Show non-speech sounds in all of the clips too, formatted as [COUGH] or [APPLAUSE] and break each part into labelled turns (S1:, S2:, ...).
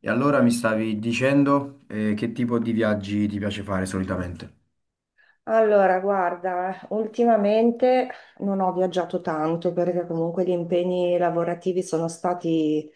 S1: E allora mi stavi dicendo che tipo di viaggi ti piace fare solitamente?
S2: Allora, guarda, ultimamente non ho viaggiato tanto perché comunque gli impegni lavorativi sono stati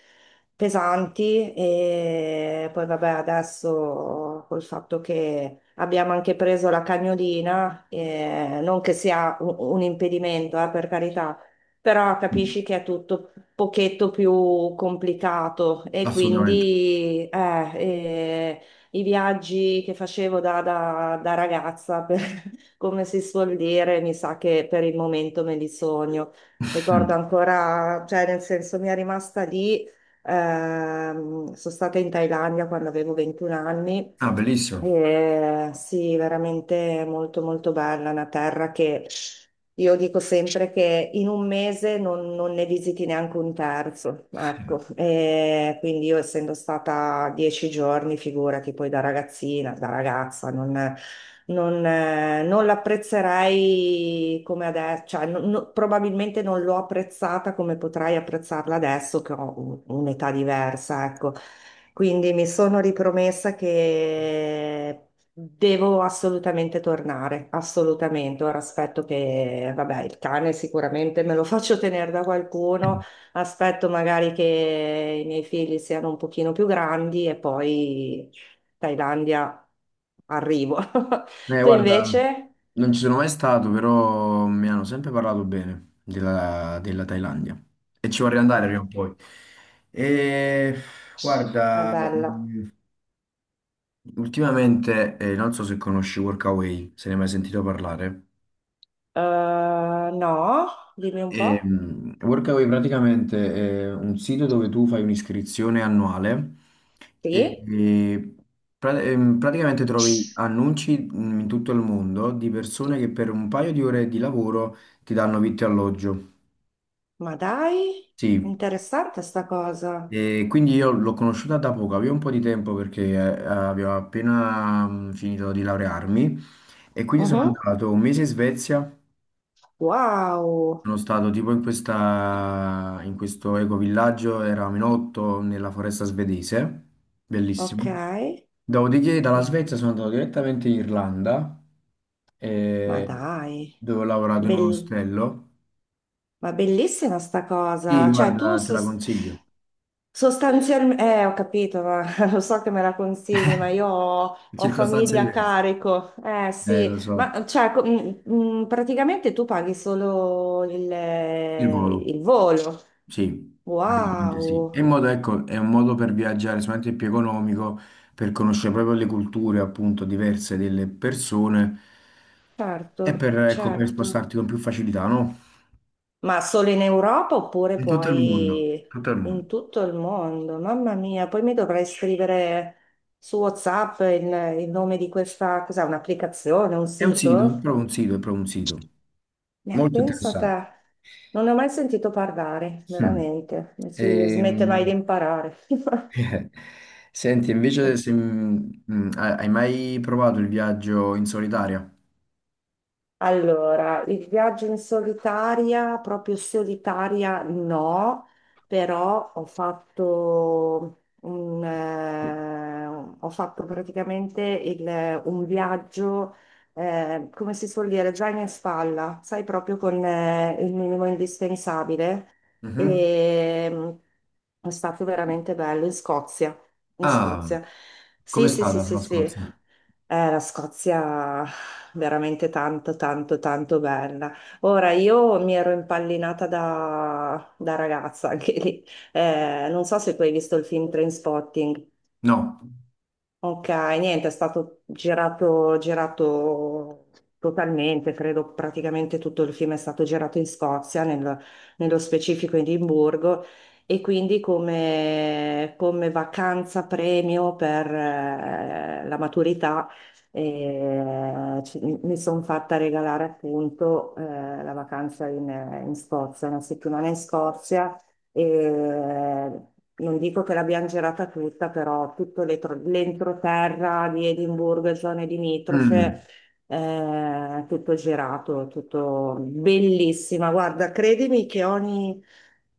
S2: pesanti e poi vabbè, adesso col fatto che abbiamo anche preso la cagnolina, non che sia un impedimento, per carità, però
S1: Mm.
S2: capisci che è tutto un pochetto più complicato e
S1: Assolutamente.
S2: quindi eh, i viaggi che facevo da ragazza [LAUGHS] come si suol dire, mi sa che per il momento me li sogno. Ricordo
S1: [LAUGHS] Mm.
S2: ancora, cioè nel senso mi è rimasta lì, sono stata in Thailandia quando avevo 21 anni.
S1: Ah, bellissimo.
S2: Eh, sì, veramente molto molto bella, una terra che io dico sempre che in un mese non ne visiti neanche un terzo, ecco. Quindi io essendo stata 10 giorni, figurati, poi da ragazzina, da ragazza, non l'apprezzerei come adesso, cioè, probabilmente non l'ho apprezzata come potrei apprezzarla adesso che ho un'età diversa, ecco. Quindi mi sono ripromessa che devo assolutamente tornare, assolutamente. Ora aspetto che, vabbè, il cane sicuramente me lo [LAUGHS] faccio tenere da qualcuno, aspetto magari che i miei figli siano un pochino più grandi e poi Thailandia arrivo. [LAUGHS] Tu
S1: Guarda,
S2: invece?
S1: non ci sono mai stato, però mi hanno sempre parlato bene della Thailandia e ci vorrei andare prima o
S2: Beh,
S1: poi. E
S2: è
S1: guarda,
S2: bella.
S1: ultimamente non so se conosci Workaway, se ne hai mai sentito parlare.
S2: Eh, no, dimmi un po'.
S1: Workaway praticamente è un sito dove tu fai un'iscrizione annuale e,
S2: Sì?
S1: e pra- ehm, praticamente trovi annunci in tutto il mondo di persone che per un paio di ore di lavoro ti danno vitto e alloggio.
S2: Ma dai,
S1: Sì,
S2: interessante sta cosa.
S1: e quindi io l'ho conosciuta da poco, avevo un po' di tempo perché avevo appena finito di laurearmi e quindi sono
S2: Mhm.
S1: andato un mese in Svezia.
S2: Wow,
S1: Sono stato tipo in questo ecovillaggio, eravamo in otto nella foresta svedese,
S2: ok.
S1: bellissimo. Dopodiché dalla
S2: Mm,
S1: Svezia sono andato direttamente in Irlanda,
S2: ma
S1: eh,
S2: dai,
S1: dove ho lavorato in un
S2: Bell-
S1: ostello.
S2: ma bellissima sta
S1: Sì,
S2: cosa. Cioè, tu
S1: guarda, te la consiglio.
S2: sostanzialmente. Ho capito, ma [LAUGHS] lo so che me la consigli, ma io ho,
S1: [LAUGHS]
S2: ho
S1: Circostanze
S2: famiglia a
S1: diverse.
S2: carico. Sì,
S1: Lo so,
S2: ma cioè, praticamente tu paghi solo il,
S1: il volo.
S2: il volo.
S1: Sì, praticamente sì. È
S2: Wow,
S1: un modo, ecco, è un modo per viaggiare sicuramente più economico, per conoscere proprio le culture appunto diverse delle persone e
S2: certo,
S1: per, ecco, per
S2: certo.
S1: spostarti con più facilità, no?
S2: Ma solo in Europa oppure
S1: In tutto il mondo,
S2: poi
S1: tutto il mondo.
S2: in tutto il mondo? Mamma mia, poi mi dovrei scrivere su WhatsApp il nome di questa, cos'è, un'applicazione, un
S1: È un sito, è
S2: sito?
S1: proprio un sito, è proprio un sito.
S2: Ne
S1: Molto
S2: pensa a te.
S1: interessante.
S2: Non ne ho mai sentito parlare,
S1: Mm.
S2: veramente. Non si smette mai di
S1: Ehm,
S2: imparare.
S1: [LAUGHS] Senti, invece
S2: [LAUGHS]
S1: se, hai mai provato il viaggio in solitaria?
S2: Allora, il viaggio in solitaria, proprio solitaria no, però ho fatto praticamente un viaggio, come si suol dire, già in spalla, sai, proprio con il minimo indispensabile.
S1: Mhm.
S2: E, è stato veramente bello in Scozia, in
S1: Ah,
S2: Scozia.
S1: com'è
S2: Sì, sì, sì,
S1: stata
S2: sì,
S1: la
S2: sì.
S1: Scozia?
S2: La Scozia veramente tanto, tanto, tanto bella. Ora, io mi ero impallinata da ragazza [LAUGHS] anche lì. Non so se tu hai visto il film Trainspotting.
S1: No.
S2: Ok, niente, è stato girato, girato totalmente, credo praticamente tutto il film è stato girato in Scozia, nello specifico in Edimburgo, e quindi come vacanza premio per la maturità, mi sono fatta regalare appunto la vacanza in Scozia, una settimana in Scozia, e non dico che l'abbiamo girata tutta, però tutto l'entroterra di Edimburgo e zone
S1: Mm.
S2: limitrofe, tutto girato, tutto bellissima. Guarda, credimi che ogni,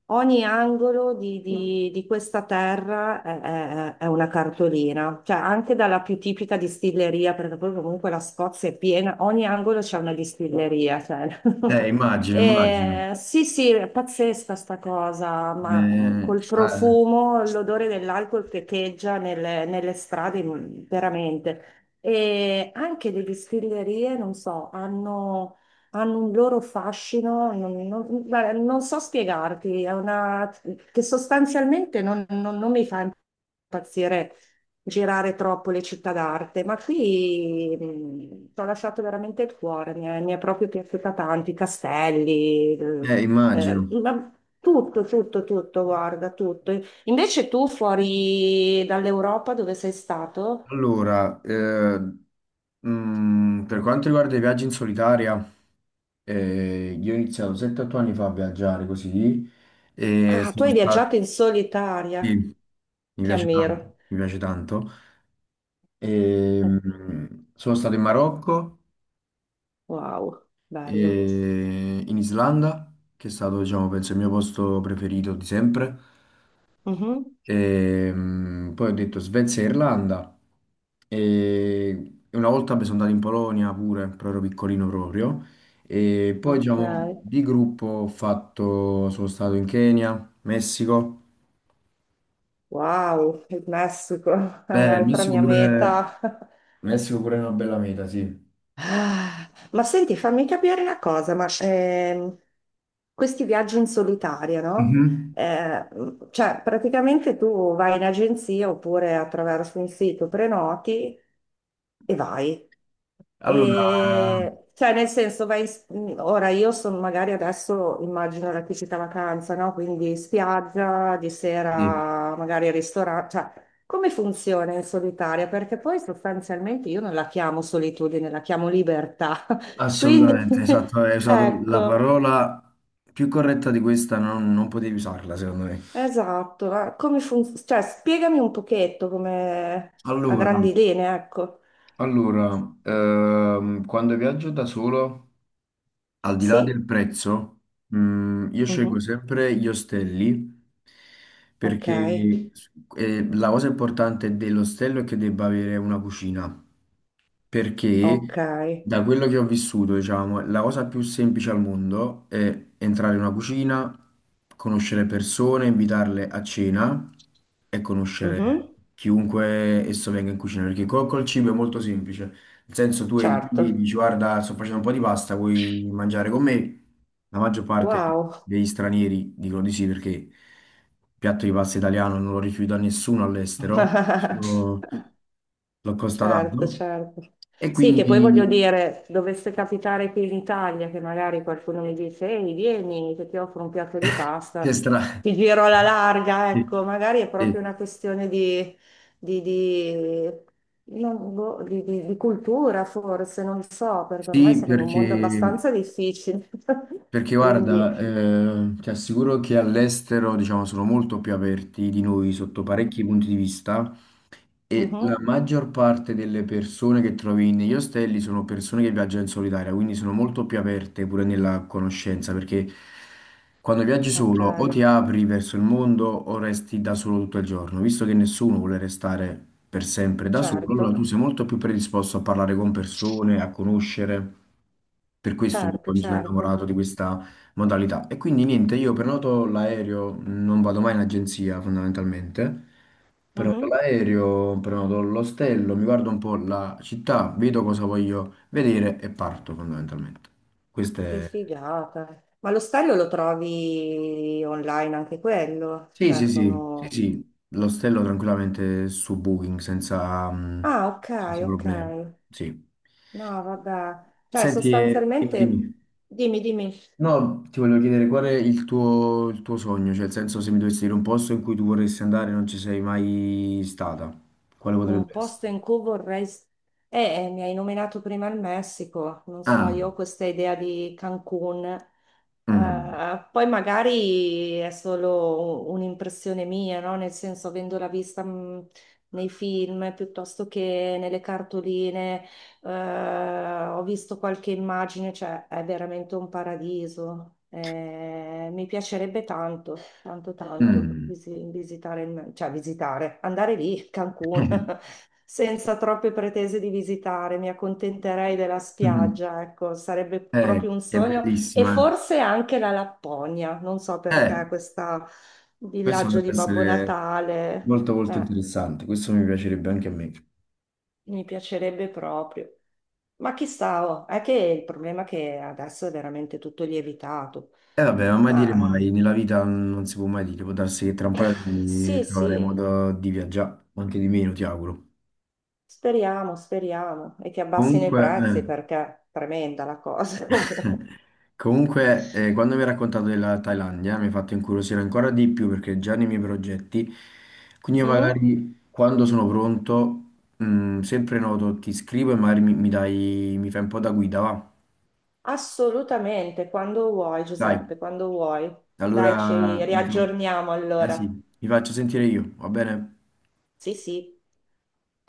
S2: ogni angolo di questa terra è una cartolina, cioè anche dalla più tipica distilleria, perché poi comunque la Scozia è piena, ogni angolo c'è una distilleria, cioè. [LAUGHS]
S1: Immagino, immagino.
S2: Sì, sì, è pazzesca sta cosa, ma col
S1: Ah,
S2: profumo, l'odore dell'alcol che echeggia nelle strade, veramente. E anche le distillerie, non so, hanno un loro fascino, guarda, non so spiegarti, è una, che sostanzialmente non mi fa impazzire girare troppo le città d'arte, ma qui ci ho lasciato veramente il cuore, mi è proprio piaciuta tanto, i castelli,
S1: immagino.
S2: ma tutto, tutto, tutto, guarda, tutto. Invece tu fuori dall'Europa dove sei stato?
S1: Allora, per quanto riguarda i viaggi in solitaria, io ho iniziato 7-8 anni fa a viaggiare così e
S2: Ah, tu
S1: sono
S2: hai
S1: stato...
S2: viaggiato in solitaria,
S1: Sì, mi
S2: ti
S1: piace
S2: ammiro.
S1: tanto, mi piace tanto. E,
S2: Oh,
S1: mm, Sono stato in Marocco
S2: wow, bello.
S1: e in Islanda, che è stato, diciamo, penso, il mio posto preferito di sempre.
S2: Mhm.
S1: Poi ho detto Svezia e Irlanda. E una volta mi sono andato in Polonia pure, però ero piccolino proprio. E poi,
S2: Ok,
S1: diciamo, di gruppo ho fatto, sono stato in Kenya, Messico.
S2: wow, il Messico [LAUGHS] è
S1: Beh,
S2: un'altra mia meta. [LAUGHS]
S1: Il Messico pure è una bella meta, sì.
S2: Ah, ma senti, fammi capire una cosa, ma questi viaggi in solitaria, no?
S1: Mhm.
S2: Eh, cioè, praticamente tu vai in agenzia oppure attraverso un sito, prenoti e vai.
S1: Allora,
S2: E, cioè, nel senso, vai, ora io sono magari adesso, immagino la tipica vacanza, no? Quindi spiaggia, di
S1: sì,
S2: sera magari ristorante, come funziona in solitaria? Perché poi sostanzialmente io non la chiamo solitudine, la chiamo libertà. [LAUGHS] Quindi,
S1: assolutamente,
S2: [LAUGHS]
S1: esatto, hai usato la
S2: ecco,
S1: parola più corretta di questa, non, non potevi usarla, secondo me.
S2: esatto. Ma come funziona? Cioè, spiegami un pochetto come a
S1: Allora,
S2: grandi linee, ecco.
S1: Allora, quando viaggio da solo, al di là
S2: Sì?
S1: del prezzo, io scelgo
S2: Mhm.
S1: sempre gli ostelli
S2: Ok,
S1: perché la cosa importante dell'ostello è che debba avere una cucina
S2: ok.
S1: perché da quello che ho vissuto, diciamo, la cosa più semplice al mondo è entrare in una cucina, conoscere persone, invitarle a cena e conoscere
S2: Mhm.
S1: chiunque esso venga in cucina, perché col cibo è molto semplice. Nel senso, tu entri lì e
S2: Certo.
S1: dici, guarda, sto facendo un po' di pasta, vuoi mangiare con me? La maggior parte
S2: Wow.
S1: degli stranieri dicono di sì perché il piatto di pasta italiano non lo rifiuta nessuno all'estero,
S2: [LAUGHS]
S1: l'ho
S2: Certo,
S1: constatato,
S2: certo.
S1: e
S2: Sì, che poi voglio
S1: quindi
S2: dire, dovesse capitare qui in Italia che magari qualcuno mi dice, ehi, vieni, che ti offro un piatto di
S1: [LAUGHS] che
S2: pasta,
S1: stra...
S2: ti giro alla larga,
S1: Sì,
S2: ecco, magari è proprio
S1: sì.
S2: una questione di, di- boh, di cultura, forse, non so, perché ormai
S1: Sì,
S2: siamo in un mondo abbastanza difficile.
S1: perché
S2: [LAUGHS] Quindi,
S1: guarda, ti assicuro che all'estero, diciamo, sono molto più aperti di noi sotto
S2: oh,
S1: parecchi punti di vista. E la
S2: mhm,
S1: maggior parte delle persone che trovi negli ostelli sono persone che viaggiano in solitaria, quindi sono molto più aperte pure nella conoscenza, perché quando viaggi
S2: ok,
S1: solo o ti apri verso il mondo o resti da solo tutto il giorno, visto che nessuno vuole restare per sempre da solo, allora tu
S2: certo,
S1: sei molto più predisposto a parlare con persone, a conoscere. Per questo io
S2: certo,
S1: poi mi sono
S2: certo.
S1: innamorato di questa modalità. E quindi niente, io prenoto l'aereo, non vado mai in agenzia fondamentalmente. Prenoto
S2: Mhm.
S1: l'aereo, prenoto l'ostello, mi guardo un po' la città, vedo cosa voglio vedere e parto fondamentalmente. Questo
S2: Che
S1: è...
S2: figata. Ma lo stadio lo trovi online anche quello?
S1: Sì,
S2: Cioè.
S1: sì, sì, sì, sì, l'ostello tranquillamente su Booking senza,
S2: Ah, ok,
S1: senza
S2: ok.
S1: problemi. Sì.
S2: No, vabbè. Cioè,
S1: Senti, dimmi.
S2: sostanzialmente,
S1: Dimmi.
S2: dimmi, dimmi.
S1: No, ti volevo chiedere qual è il tuo sogno, cioè nel senso se mi dovessi dire un posto in cui tu vorresti andare e non ci sei mai stata, quale
S2: Un
S1: potrebbe essere?
S2: posto in cui vorrei. Mi hai nominato prima il Messico, non so,
S1: Ah,
S2: io ho questa idea di Cancun.
S1: mm,
S2: Poi magari è solo un'impressione mia, no? Nel senso, avendola vista nei film piuttosto che nelle cartoline, eh, ho visto qualche immagine, cioè è veramente un paradiso. Mi piacerebbe tanto tanto tanto
S1: mm.
S2: visitare, cioè visitare, andare lì, Cancun,
S1: [LAUGHS]
S2: [LAUGHS] senza troppe pretese di visitare, mi accontenterei della spiaggia, ecco, sarebbe proprio un
S1: È
S2: sogno e
S1: bellissima.
S2: forse anche la Lapponia, non so
S1: Eh,
S2: perché questo
S1: questo
S2: villaggio
S1: potrebbe
S2: di Babbo
S1: essere
S2: Natale,
S1: molto
S2: eh,
S1: interessante, questo mi piacerebbe anche a me.
S2: mi piacerebbe proprio. Ma chissà, oh, è che il problema è che adesso è veramente tutto lievitato,
S1: E vabbè, ma mai dire mai,
S2: ma
S1: nella vita non si può mai dire, può darsi che tra un
S2: eh,
S1: paio di anni
S2: sì,
S1: troveremo
S2: sì.
S1: modo di viaggiare, o anche di meno, ti auguro.
S2: Speriamo, speriamo, e che abbassino i
S1: Comunque,
S2: prezzi
S1: eh,
S2: perché è tremenda la cosa [LAUGHS] comunque.
S1: Comunque, quando mi hai raccontato della Thailandia mi hai fatto incuriosire ancora di più perché è già nei miei progetti, quindi io
S2: Mhm.
S1: magari quando sono pronto, sempre noto, ti scrivo e magari mi dai, mi fai un po' da guida, va?
S2: Assolutamente, quando vuoi,
S1: Dai,
S2: Giuseppe, quando vuoi. Dai, ci
S1: allora
S2: riaggiorniamo allora.
S1: mi faccio sentire io, va bene?
S2: Sì, sì.